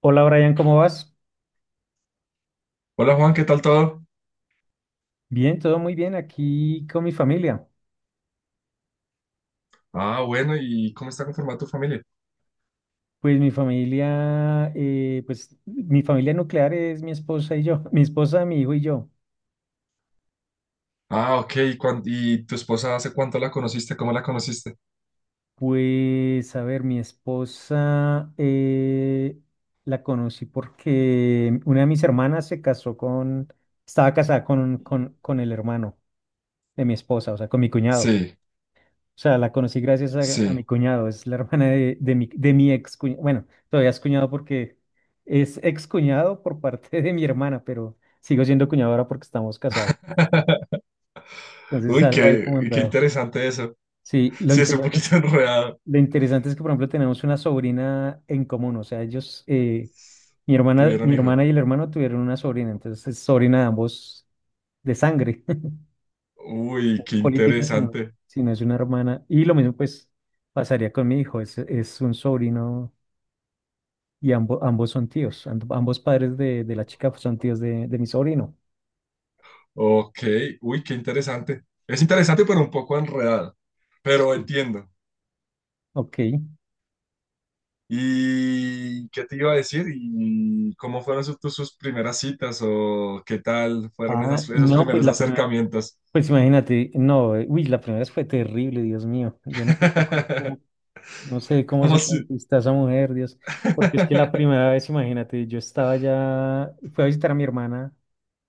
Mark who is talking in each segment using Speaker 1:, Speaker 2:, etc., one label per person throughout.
Speaker 1: Hola Brian, ¿cómo vas?
Speaker 2: Hola Juan, ¿qué tal todo?
Speaker 1: Bien, todo muy bien aquí con mi familia.
Speaker 2: Ah, bueno, ¿y cómo está conformada tu familia?
Speaker 1: Pues mi familia nuclear es mi esposa y yo, mi esposa, mi hijo y yo.
Speaker 2: Ah, ok, ¿y, y tu esposa hace cuánto la conociste? ¿Cómo la conociste?
Speaker 1: Pues a ver, mi esposa la conocí porque una de mis hermanas se casó con, estaba casada con, con el hermano de mi esposa, o sea, con mi cuñado.
Speaker 2: Sí,
Speaker 1: O sea, la conocí gracias a mi
Speaker 2: sí.
Speaker 1: cuñado, es la hermana de mi ex cuñado. Bueno, todavía es cuñado porque es ex cuñado por parte de mi hermana, pero sigo siendo cuñado ahora porque estamos casados. Entonces es
Speaker 2: Uy,
Speaker 1: algo ahí
Speaker 2: qué,
Speaker 1: como
Speaker 2: qué
Speaker 1: enredado.
Speaker 2: interesante eso.
Speaker 1: Sí, lo
Speaker 2: Sí, es un
Speaker 1: interesante,
Speaker 2: poquito enredado.
Speaker 1: lo interesante es que, por ejemplo, tenemos una sobrina en común. O sea, ellos, mi hermana,
Speaker 2: ¿Tuvieron
Speaker 1: mi
Speaker 2: hijos?
Speaker 1: hermana y el hermano tuvieron una sobrina, entonces es sobrina de ambos de sangre,
Speaker 2: Uy,
Speaker 1: no es
Speaker 2: qué
Speaker 1: política,
Speaker 2: interesante.
Speaker 1: sino es una hermana. Y lo mismo, pues, pasaría con mi hijo, es un sobrino. Y ambos son tíos, ambos padres de la chica son tíos de mi sobrino.
Speaker 2: Ok, uy, qué interesante. Es interesante, pero un poco enredado. Pero
Speaker 1: Sí.
Speaker 2: entiendo.
Speaker 1: Ok.
Speaker 2: ¿Y qué te iba a decir? ¿Y cómo fueron sus primeras citas o qué tal fueron
Speaker 1: Ah,
Speaker 2: esos
Speaker 1: no,
Speaker 2: primeros acercamientos?
Speaker 1: pues imagínate, no, uy, la primera vez fue terrible, Dios mío. Yo no sé no sé cómo
Speaker 2: ¿Cómo
Speaker 1: se
Speaker 2: si-
Speaker 1: conquista esa mujer, Dios. Porque es que la primera vez, imagínate, yo estaba ya, fui a visitar a mi hermana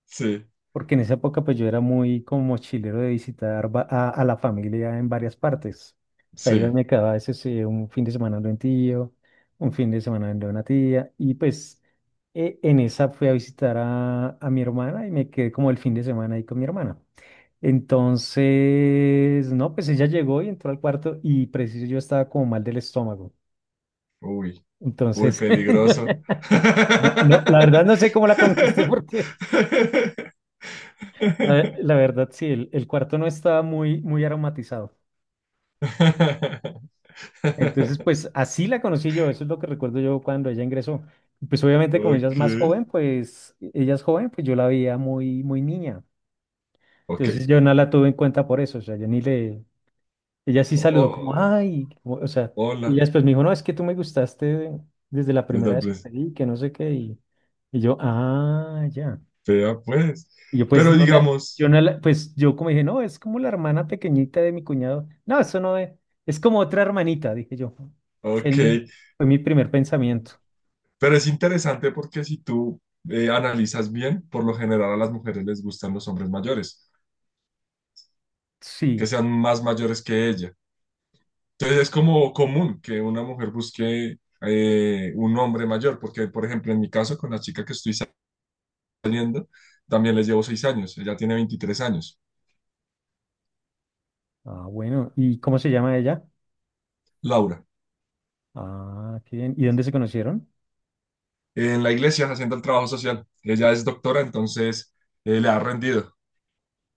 Speaker 2: Sí,
Speaker 1: porque en esa época pues yo era muy como mochilero de visitar a la familia en varias partes. O sea, iba y
Speaker 2: sí.
Speaker 1: me quedaba a veces un fin de semana de un tío, un fin de semana de una tía, y pues en esa fui a visitar a mi hermana y me quedé como el fin de semana ahí con mi hermana. Entonces, no, pues ella llegó y entró al cuarto y preciso yo estaba como mal del estómago.
Speaker 2: Uy, uy,
Speaker 1: Entonces,
Speaker 2: peligroso.
Speaker 1: no, la verdad no sé cómo la conquisté porque la, la verdad, sí, el cuarto no estaba muy, muy aromatizado. Entonces, pues así la conocí yo, eso es lo que recuerdo yo cuando ella ingresó. Pues obviamente como ella es
Speaker 2: Ok,
Speaker 1: más joven, pues ella es joven, pues yo la veía muy, muy niña.
Speaker 2: ok.
Speaker 1: Entonces yo no la tuve en cuenta por eso, o sea, yo ni le, ella sí
Speaker 2: O- o-
Speaker 1: saludó como, ay, o sea,
Speaker 2: Hola,
Speaker 1: y ella después me dijo, no, es que tú me gustaste desde la
Speaker 2: desde
Speaker 1: primera
Speaker 2: el
Speaker 1: vez que te
Speaker 2: pres-
Speaker 1: vi, que no sé qué, y yo, ah, ya.
Speaker 2: vea pues.
Speaker 1: Y yo pues
Speaker 2: Pero
Speaker 1: no la, yo
Speaker 2: digamos,
Speaker 1: no la, pues yo como dije, no, es como la hermana pequeñita de mi cuñado. No, eso no es, es como otra hermanita, dije yo. Fue
Speaker 2: ok.
Speaker 1: mi, fue mi primer pensamiento.
Speaker 2: Pero es interesante porque si tú, analizas bien, por lo general a las mujeres les gustan los hombres mayores, que
Speaker 1: Sí.
Speaker 2: sean más mayores que ella. Entonces es como común que una mujer busque, un hombre mayor, porque por ejemplo en mi caso con la chica que estoy saliendo, también les llevo 6 años, ella tiene 23 años.
Speaker 1: Ah, bueno. ¿Y cómo se llama ella?
Speaker 2: Laura,
Speaker 1: Ah, qué bien. ¿Y dónde se conocieron?
Speaker 2: en la iglesia haciendo el trabajo social, ella es doctora, entonces, le ha rendido.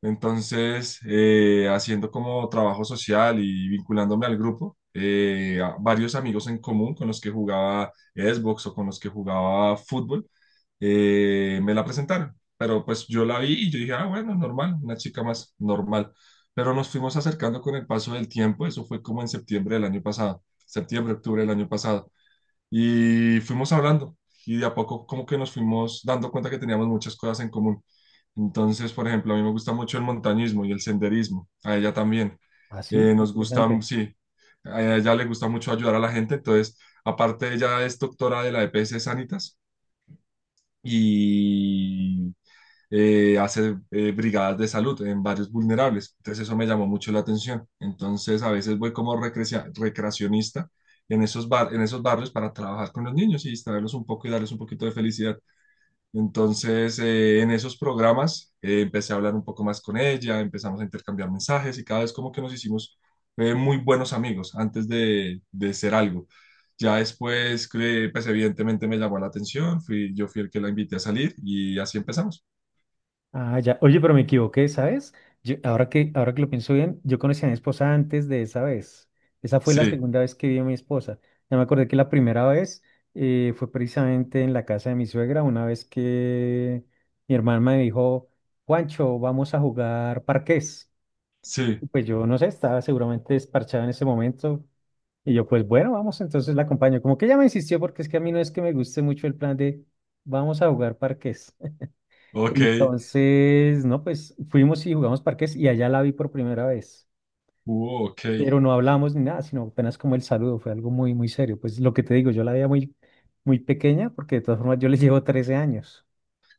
Speaker 2: Entonces, haciendo como trabajo social y vinculándome al grupo, a varios amigos en común con los que jugaba Xbox o con los que jugaba fútbol, me la presentaron. Pero pues yo la vi y yo dije, ah, bueno, normal, una chica más normal. Pero nos fuimos acercando con el paso del tiempo, eso fue como en septiembre del año pasado, septiembre, octubre del año pasado. Y fuimos hablando y de a poco como que nos fuimos dando cuenta que teníamos muchas cosas en común. Entonces, por ejemplo, a mí me gusta mucho el montañismo y el senderismo, a ella también.
Speaker 1: Ah, sí,
Speaker 2: Nos gusta, mm,
Speaker 1: interesante.
Speaker 2: sí, a ella le gusta mucho ayudar a la gente. Entonces, aparte, ella es doctora de la EPS Sanitas y, hace, brigadas de salud en varios vulnerables. Entonces eso me llamó mucho la atención. Entonces a veces voy como recreacionista en en esos barrios para trabajar con los niños y distraerlos un poco y darles un poquito de felicidad. Entonces, en esos programas, empecé a hablar un poco más con ella, empezamos a intercambiar mensajes y cada vez como que nos hicimos, muy buenos amigos antes de ser algo. Ya después, pues evidentemente me llamó la atención, yo fui el que la invité a salir y así empezamos.
Speaker 1: Ah, ya. Oye, pero me equivoqué, ¿sabes? Ahora que lo pienso bien, yo conocí a mi esposa antes de esa vez. Esa fue la
Speaker 2: Sí.
Speaker 1: segunda vez que vi a mi esposa. Ya me acordé que la primera vez fue precisamente en la casa de mi suegra, una vez que mi hermana me dijo, Juancho, vamos a jugar parqués. Y
Speaker 2: Sí,
Speaker 1: pues yo no sé, estaba seguramente desparchada en ese momento. Y yo, pues bueno, vamos, entonces la acompaño. Como que ella me insistió porque es que a mí no es que me guste mucho el plan de vamos a jugar parqués.
Speaker 2: ok,
Speaker 1: Entonces, no, pues fuimos y jugamos parques y allá la vi por primera vez,
Speaker 2: ok,
Speaker 1: pero no hablamos ni nada, sino apenas como el saludo, fue algo muy, muy serio. Pues lo que te digo, yo la veía muy, muy pequeña porque de todas formas yo le llevo 13 años.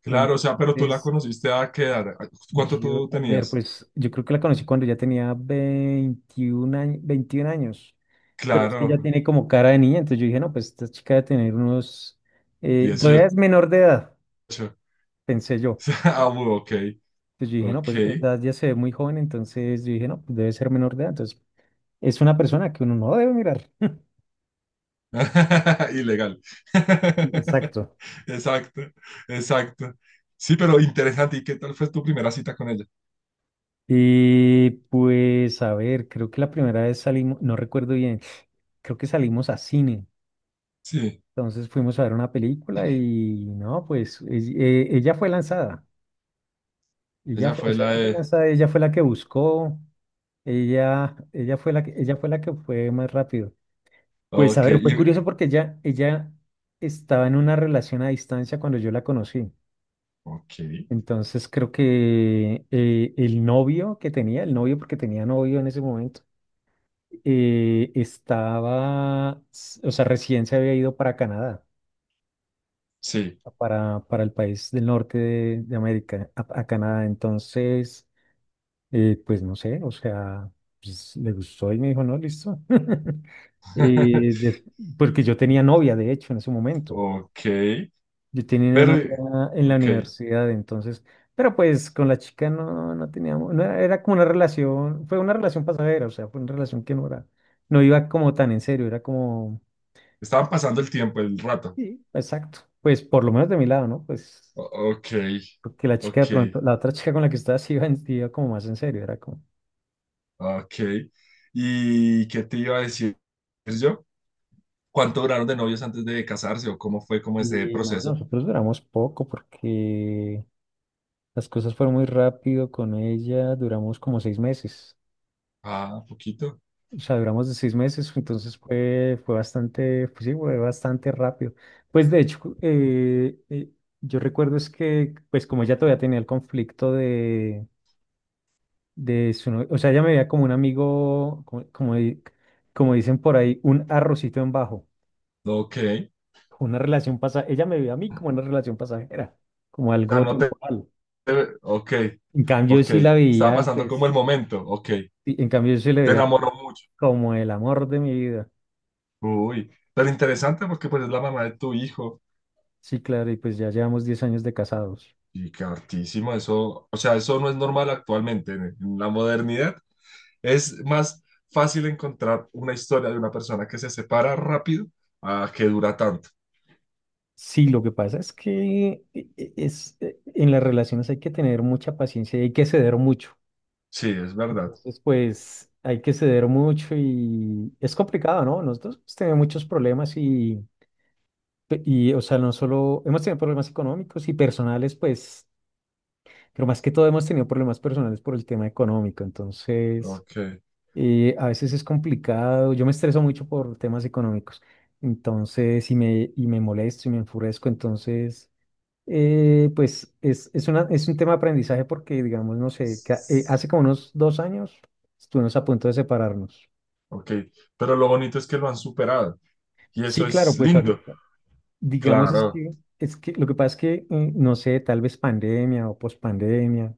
Speaker 2: claro, o sea, pero tú la
Speaker 1: Entonces,
Speaker 2: conociste a qué edad, ¿cuánto
Speaker 1: yo,
Speaker 2: tú
Speaker 1: a ver,
Speaker 2: tenías?
Speaker 1: pues yo creo que la conocí cuando ya tenía 21 años, pero es que
Speaker 2: Claro,
Speaker 1: ya tiene como cara de niña, entonces yo dije, no, pues esta chica debe tener unos, todavía
Speaker 2: 18.
Speaker 1: es menor de edad, pensé yo.
Speaker 2: Ok,
Speaker 1: Entonces yo dije, no,
Speaker 2: ok,
Speaker 1: pues o sea, ya se ve muy joven, entonces yo dije, no, pues debe ser menor de edad. Entonces es una persona que uno no debe mirar.
Speaker 2: ilegal,
Speaker 1: Exacto.
Speaker 2: exacto, exacto, sí, pero interesante, ¿y qué tal fue tu primera cita con ella?
Speaker 1: Y pues, a ver, creo que la primera vez salimos, no recuerdo bien, creo que salimos a cine.
Speaker 2: Sí,
Speaker 1: Entonces fuimos a ver una película y no, pues ella fue lanzada. Ella
Speaker 2: ella
Speaker 1: fue, o
Speaker 2: fue
Speaker 1: sea,
Speaker 2: la
Speaker 1: ella fue
Speaker 2: de,
Speaker 1: lanzada, ella fue la que buscó, ella fue la que, ella fue la que fue más rápido. Pues a
Speaker 2: ok,
Speaker 1: ver, fue curioso porque ella estaba en una relación a distancia cuando yo la conocí.
Speaker 2: ok,
Speaker 1: Entonces creo que el novio que tenía, el novio porque tenía novio en ese momento, o sea, recién se había ido para Canadá,
Speaker 2: sí,
Speaker 1: para el país del norte de América, a Canadá. Entonces, pues no sé, o sea, pues, le gustó y me dijo, no, listo. Eh, des- porque yo tenía novia, de hecho, en ese momento.
Speaker 2: ok,
Speaker 1: Yo tenía una
Speaker 2: pero,
Speaker 1: novia en la
Speaker 2: ok,
Speaker 1: universidad, entonces, pero pues con la chica no, no teníamos, no era, era como una relación, fue una relación pasajera, o sea, fue una relación que no era, no iba como tan en serio, era como,
Speaker 2: estaban pasando el tiempo, el rato.
Speaker 1: sí, exacto, pues por lo menos de mi lado, ¿no? Pues
Speaker 2: O- Ok,
Speaker 1: porque la chica
Speaker 2: ok,
Speaker 1: de pronto, la otra chica con la que estaba sí iba, sí iba como más en serio, era como,
Speaker 2: ok. ¿Y qué te iba a decir yo? ¿Cuánto duraron de novios antes de casarse o cómo fue como ese
Speaker 1: y no,
Speaker 2: proceso?
Speaker 1: nosotros duramos poco porque las cosas fueron muy rápido con ella, duramos como 6 meses.
Speaker 2: Ah, poquito.
Speaker 1: O sea, duramos de 6 meses, entonces fue, fue bastante, pues sí, fue bastante rápido. Pues de hecho, yo recuerdo es que, pues como ella todavía tenía el conflicto de su novio, o sea, ella me veía como un amigo, como dicen por ahí, un arrocito en bajo,
Speaker 2: Ok. O
Speaker 1: una relación pasajera, ella me veía a mí como una relación pasajera, como
Speaker 2: sea,
Speaker 1: algo
Speaker 2: no te...
Speaker 1: temporal.
Speaker 2: Ok,
Speaker 1: En cambio,
Speaker 2: ok.
Speaker 1: sí la
Speaker 2: Estaba
Speaker 1: veía,
Speaker 2: pasando como el
Speaker 1: pues,
Speaker 2: momento. Ok.
Speaker 1: sí, en cambio, yo sí le
Speaker 2: Te
Speaker 1: veía
Speaker 2: enamoró mucho.
Speaker 1: como el amor de mi vida.
Speaker 2: Uy, pero interesante porque pues es la mamá de tu hijo.
Speaker 1: Sí, claro, y pues ya llevamos 10 años de casados.
Speaker 2: Y que hartísimo eso. O sea, eso no es normal actualmente en la modernidad. Es más fácil encontrar una historia de una persona que se separa rápido a que dura tanto.
Speaker 1: Sí, lo que pasa es que en las relaciones hay que tener mucha paciencia y hay que ceder mucho.
Speaker 2: Sí, es verdad.
Speaker 1: Entonces, pues hay que ceder mucho y es complicado, ¿no? Nosotros pues, tenemos muchos problemas y, y, o sea, no solo hemos tenido problemas económicos y personales, pues, pero más que todo hemos tenido problemas personales por el tema económico. Entonces,
Speaker 2: Ok.
Speaker 1: a veces es complicado. Yo me estreso mucho por temas económicos. Entonces, y me molesto y me enfurezco. Entonces... es un tema de aprendizaje porque, digamos, no sé, hace como unos 2 años estuvimos a punto de separarnos.
Speaker 2: Ok. Pero lo bonito es que lo han superado. Y eso
Speaker 1: Sí, claro,
Speaker 2: es
Speaker 1: pues
Speaker 2: lindo.
Speaker 1: ahorita. Digamos,
Speaker 2: Claro.
Speaker 1: es que lo que pasa es que, no sé, tal vez pandemia o pospandemia,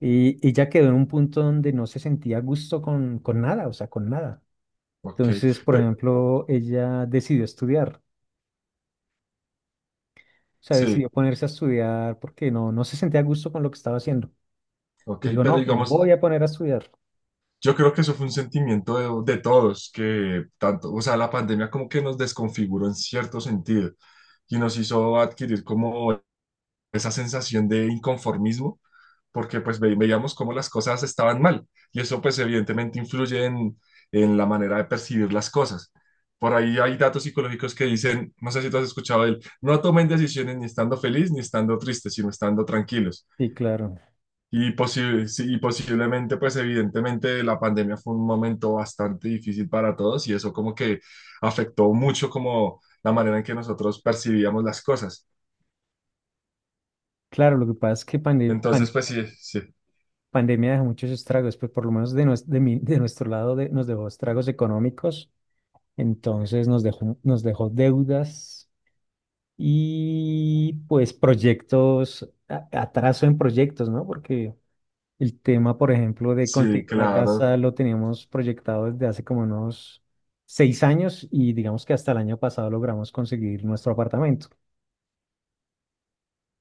Speaker 1: y ella quedó en un punto donde no se sentía a gusto con nada, o sea, con nada.
Speaker 2: Ok.
Speaker 1: Entonces, por
Speaker 2: Pe-
Speaker 1: ejemplo, ella decidió estudiar, o sea,
Speaker 2: sí.
Speaker 1: decidió ponerse a estudiar porque no, no se sentía a gusto con lo que estaba haciendo.
Speaker 2: Ok.
Speaker 1: Le dijo,
Speaker 2: Pero
Speaker 1: no, me voy
Speaker 2: digamos,
Speaker 1: a poner a estudiar.
Speaker 2: yo creo que eso fue un sentimiento de todos, que tanto, o sea, la pandemia como que nos desconfiguró en cierto sentido y nos hizo adquirir como esa sensación de inconformismo, porque pues veíamos cómo las cosas estaban mal y eso pues evidentemente influye en la manera de percibir las cosas. Por ahí hay datos psicológicos que dicen, no sé si tú has escuchado de él, no tomen decisiones ni estando feliz ni estando triste, sino estando tranquilos.
Speaker 1: Sí, claro.
Speaker 2: Sí, y posiblemente, pues evidentemente la pandemia fue un momento bastante difícil para todos y eso como que afectó mucho como la manera en que nosotros percibíamos las cosas.
Speaker 1: Claro, lo que pasa es que
Speaker 2: Entonces, pues sí, sí.
Speaker 1: pandemia dejó muchos estragos, pues por lo menos de, de nuestro lado nos dejó estragos económicos, entonces nos dejó deudas y pues proyectos, atraso en proyectos, ¿no? Porque el tema, por ejemplo, de
Speaker 2: Sí,
Speaker 1: conseguir una
Speaker 2: claro,
Speaker 1: casa lo teníamos proyectado desde hace como unos 6 años y digamos que hasta el año pasado logramos conseguir nuestro apartamento.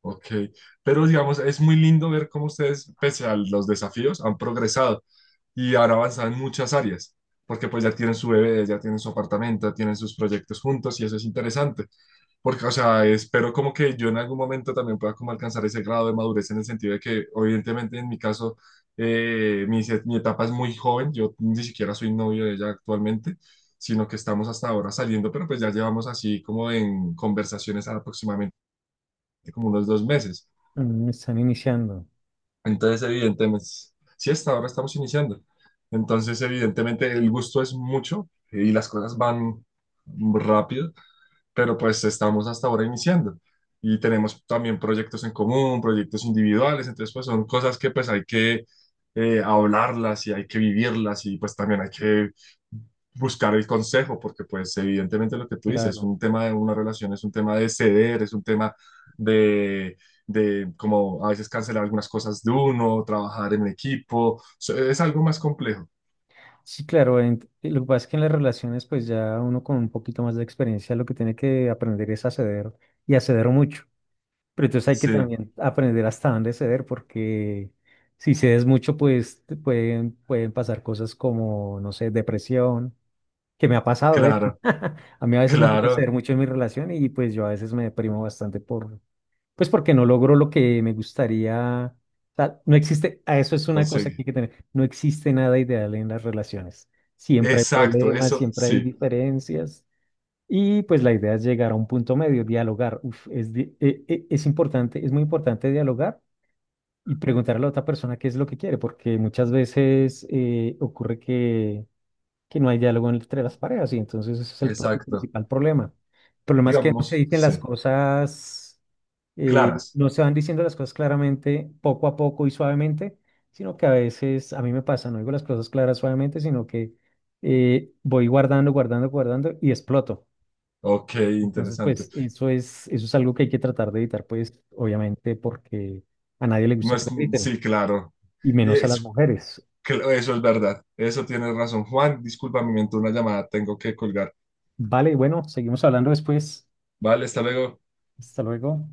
Speaker 2: ok. Pero digamos, es muy lindo ver cómo ustedes, pese a los desafíos, han progresado y han avanzado en muchas áreas, porque pues ya tienen su bebé, ya tienen su apartamento, tienen sus proyectos juntos y eso es interesante, porque, o sea, espero como que yo en algún momento también pueda como alcanzar ese grado de madurez en el sentido de que, evidentemente, en mi caso, mi etapa es muy joven, yo ni siquiera soy novio de ella actualmente, sino que estamos hasta ahora saliendo, pero pues ya llevamos así como en conversaciones aproximadamente como unos 2 meses.
Speaker 1: Mm, están iniciando,
Speaker 2: Entonces, evidentemente, sí, hasta ahora estamos iniciando. Entonces, evidentemente, el gusto es mucho y las cosas van rápido, pero pues estamos hasta ahora iniciando y tenemos también proyectos en común, proyectos individuales, entonces pues son cosas que pues hay que, hablarlas y hay que vivirlas y pues también hay que buscar el consejo, porque pues evidentemente lo que tú dices, es
Speaker 1: claro.
Speaker 2: un tema de una relación, es un tema de ceder, es un tema de, de como a veces cancelar algunas cosas de uno, trabajar en equipo, es algo más complejo.
Speaker 1: Sí, claro, lo que pasa es que en las relaciones, pues ya uno con un poquito más de experiencia lo que tiene que aprender es a ceder y a ceder mucho. Pero entonces hay que
Speaker 2: Sí,
Speaker 1: también aprender hasta dónde ceder, porque si cedes mucho, pues te pueden, pueden pasar cosas como, no sé, depresión, que me ha pasado, de hecho.
Speaker 2: claro,
Speaker 1: A mí a veces me toca
Speaker 2: claro,
Speaker 1: ceder mucho en mi relación y pues yo a veces me deprimo bastante por pues porque no logro lo que me gustaría. O sea, no existe, a eso es una cosa que
Speaker 2: conseguí.
Speaker 1: hay que tener. No existe nada ideal en las relaciones. Siempre hay
Speaker 2: Exacto,
Speaker 1: problemas,
Speaker 2: eso,
Speaker 1: siempre hay
Speaker 2: sí.
Speaker 1: diferencias. Y pues la idea es llegar a un punto medio, dialogar. Uf, es, di- e- e- es importante, es muy importante dialogar y preguntar a la otra persona qué es lo que quiere, porque muchas veces ocurre que no hay diálogo entre las parejas y entonces ese es el
Speaker 2: Exacto.
Speaker 1: principal problema. El problema es que no se
Speaker 2: Digamos,
Speaker 1: dicen las
Speaker 2: sí.
Speaker 1: cosas,
Speaker 2: Claras.
Speaker 1: no se van diciendo las cosas claramente, poco a poco y suavemente, sino que a veces a mí me pasa, no digo las cosas claras suavemente, sino que voy guardando y exploto.
Speaker 2: Ok,
Speaker 1: Entonces,
Speaker 2: interesante.
Speaker 1: eso es algo que hay que tratar de evitar, pues obviamente porque a nadie le
Speaker 2: No
Speaker 1: gusta que
Speaker 2: es,
Speaker 1: le griten,
Speaker 2: sí, claro.
Speaker 1: y
Speaker 2: Y
Speaker 1: menos a las
Speaker 2: es-
Speaker 1: mujeres.
Speaker 2: Eso es verdad. Eso tienes razón. Juan, disculpa, me entró una llamada. Tengo que colgar.
Speaker 1: Vale, bueno, seguimos hablando después.
Speaker 2: Vale, hasta luego.
Speaker 1: Hasta luego.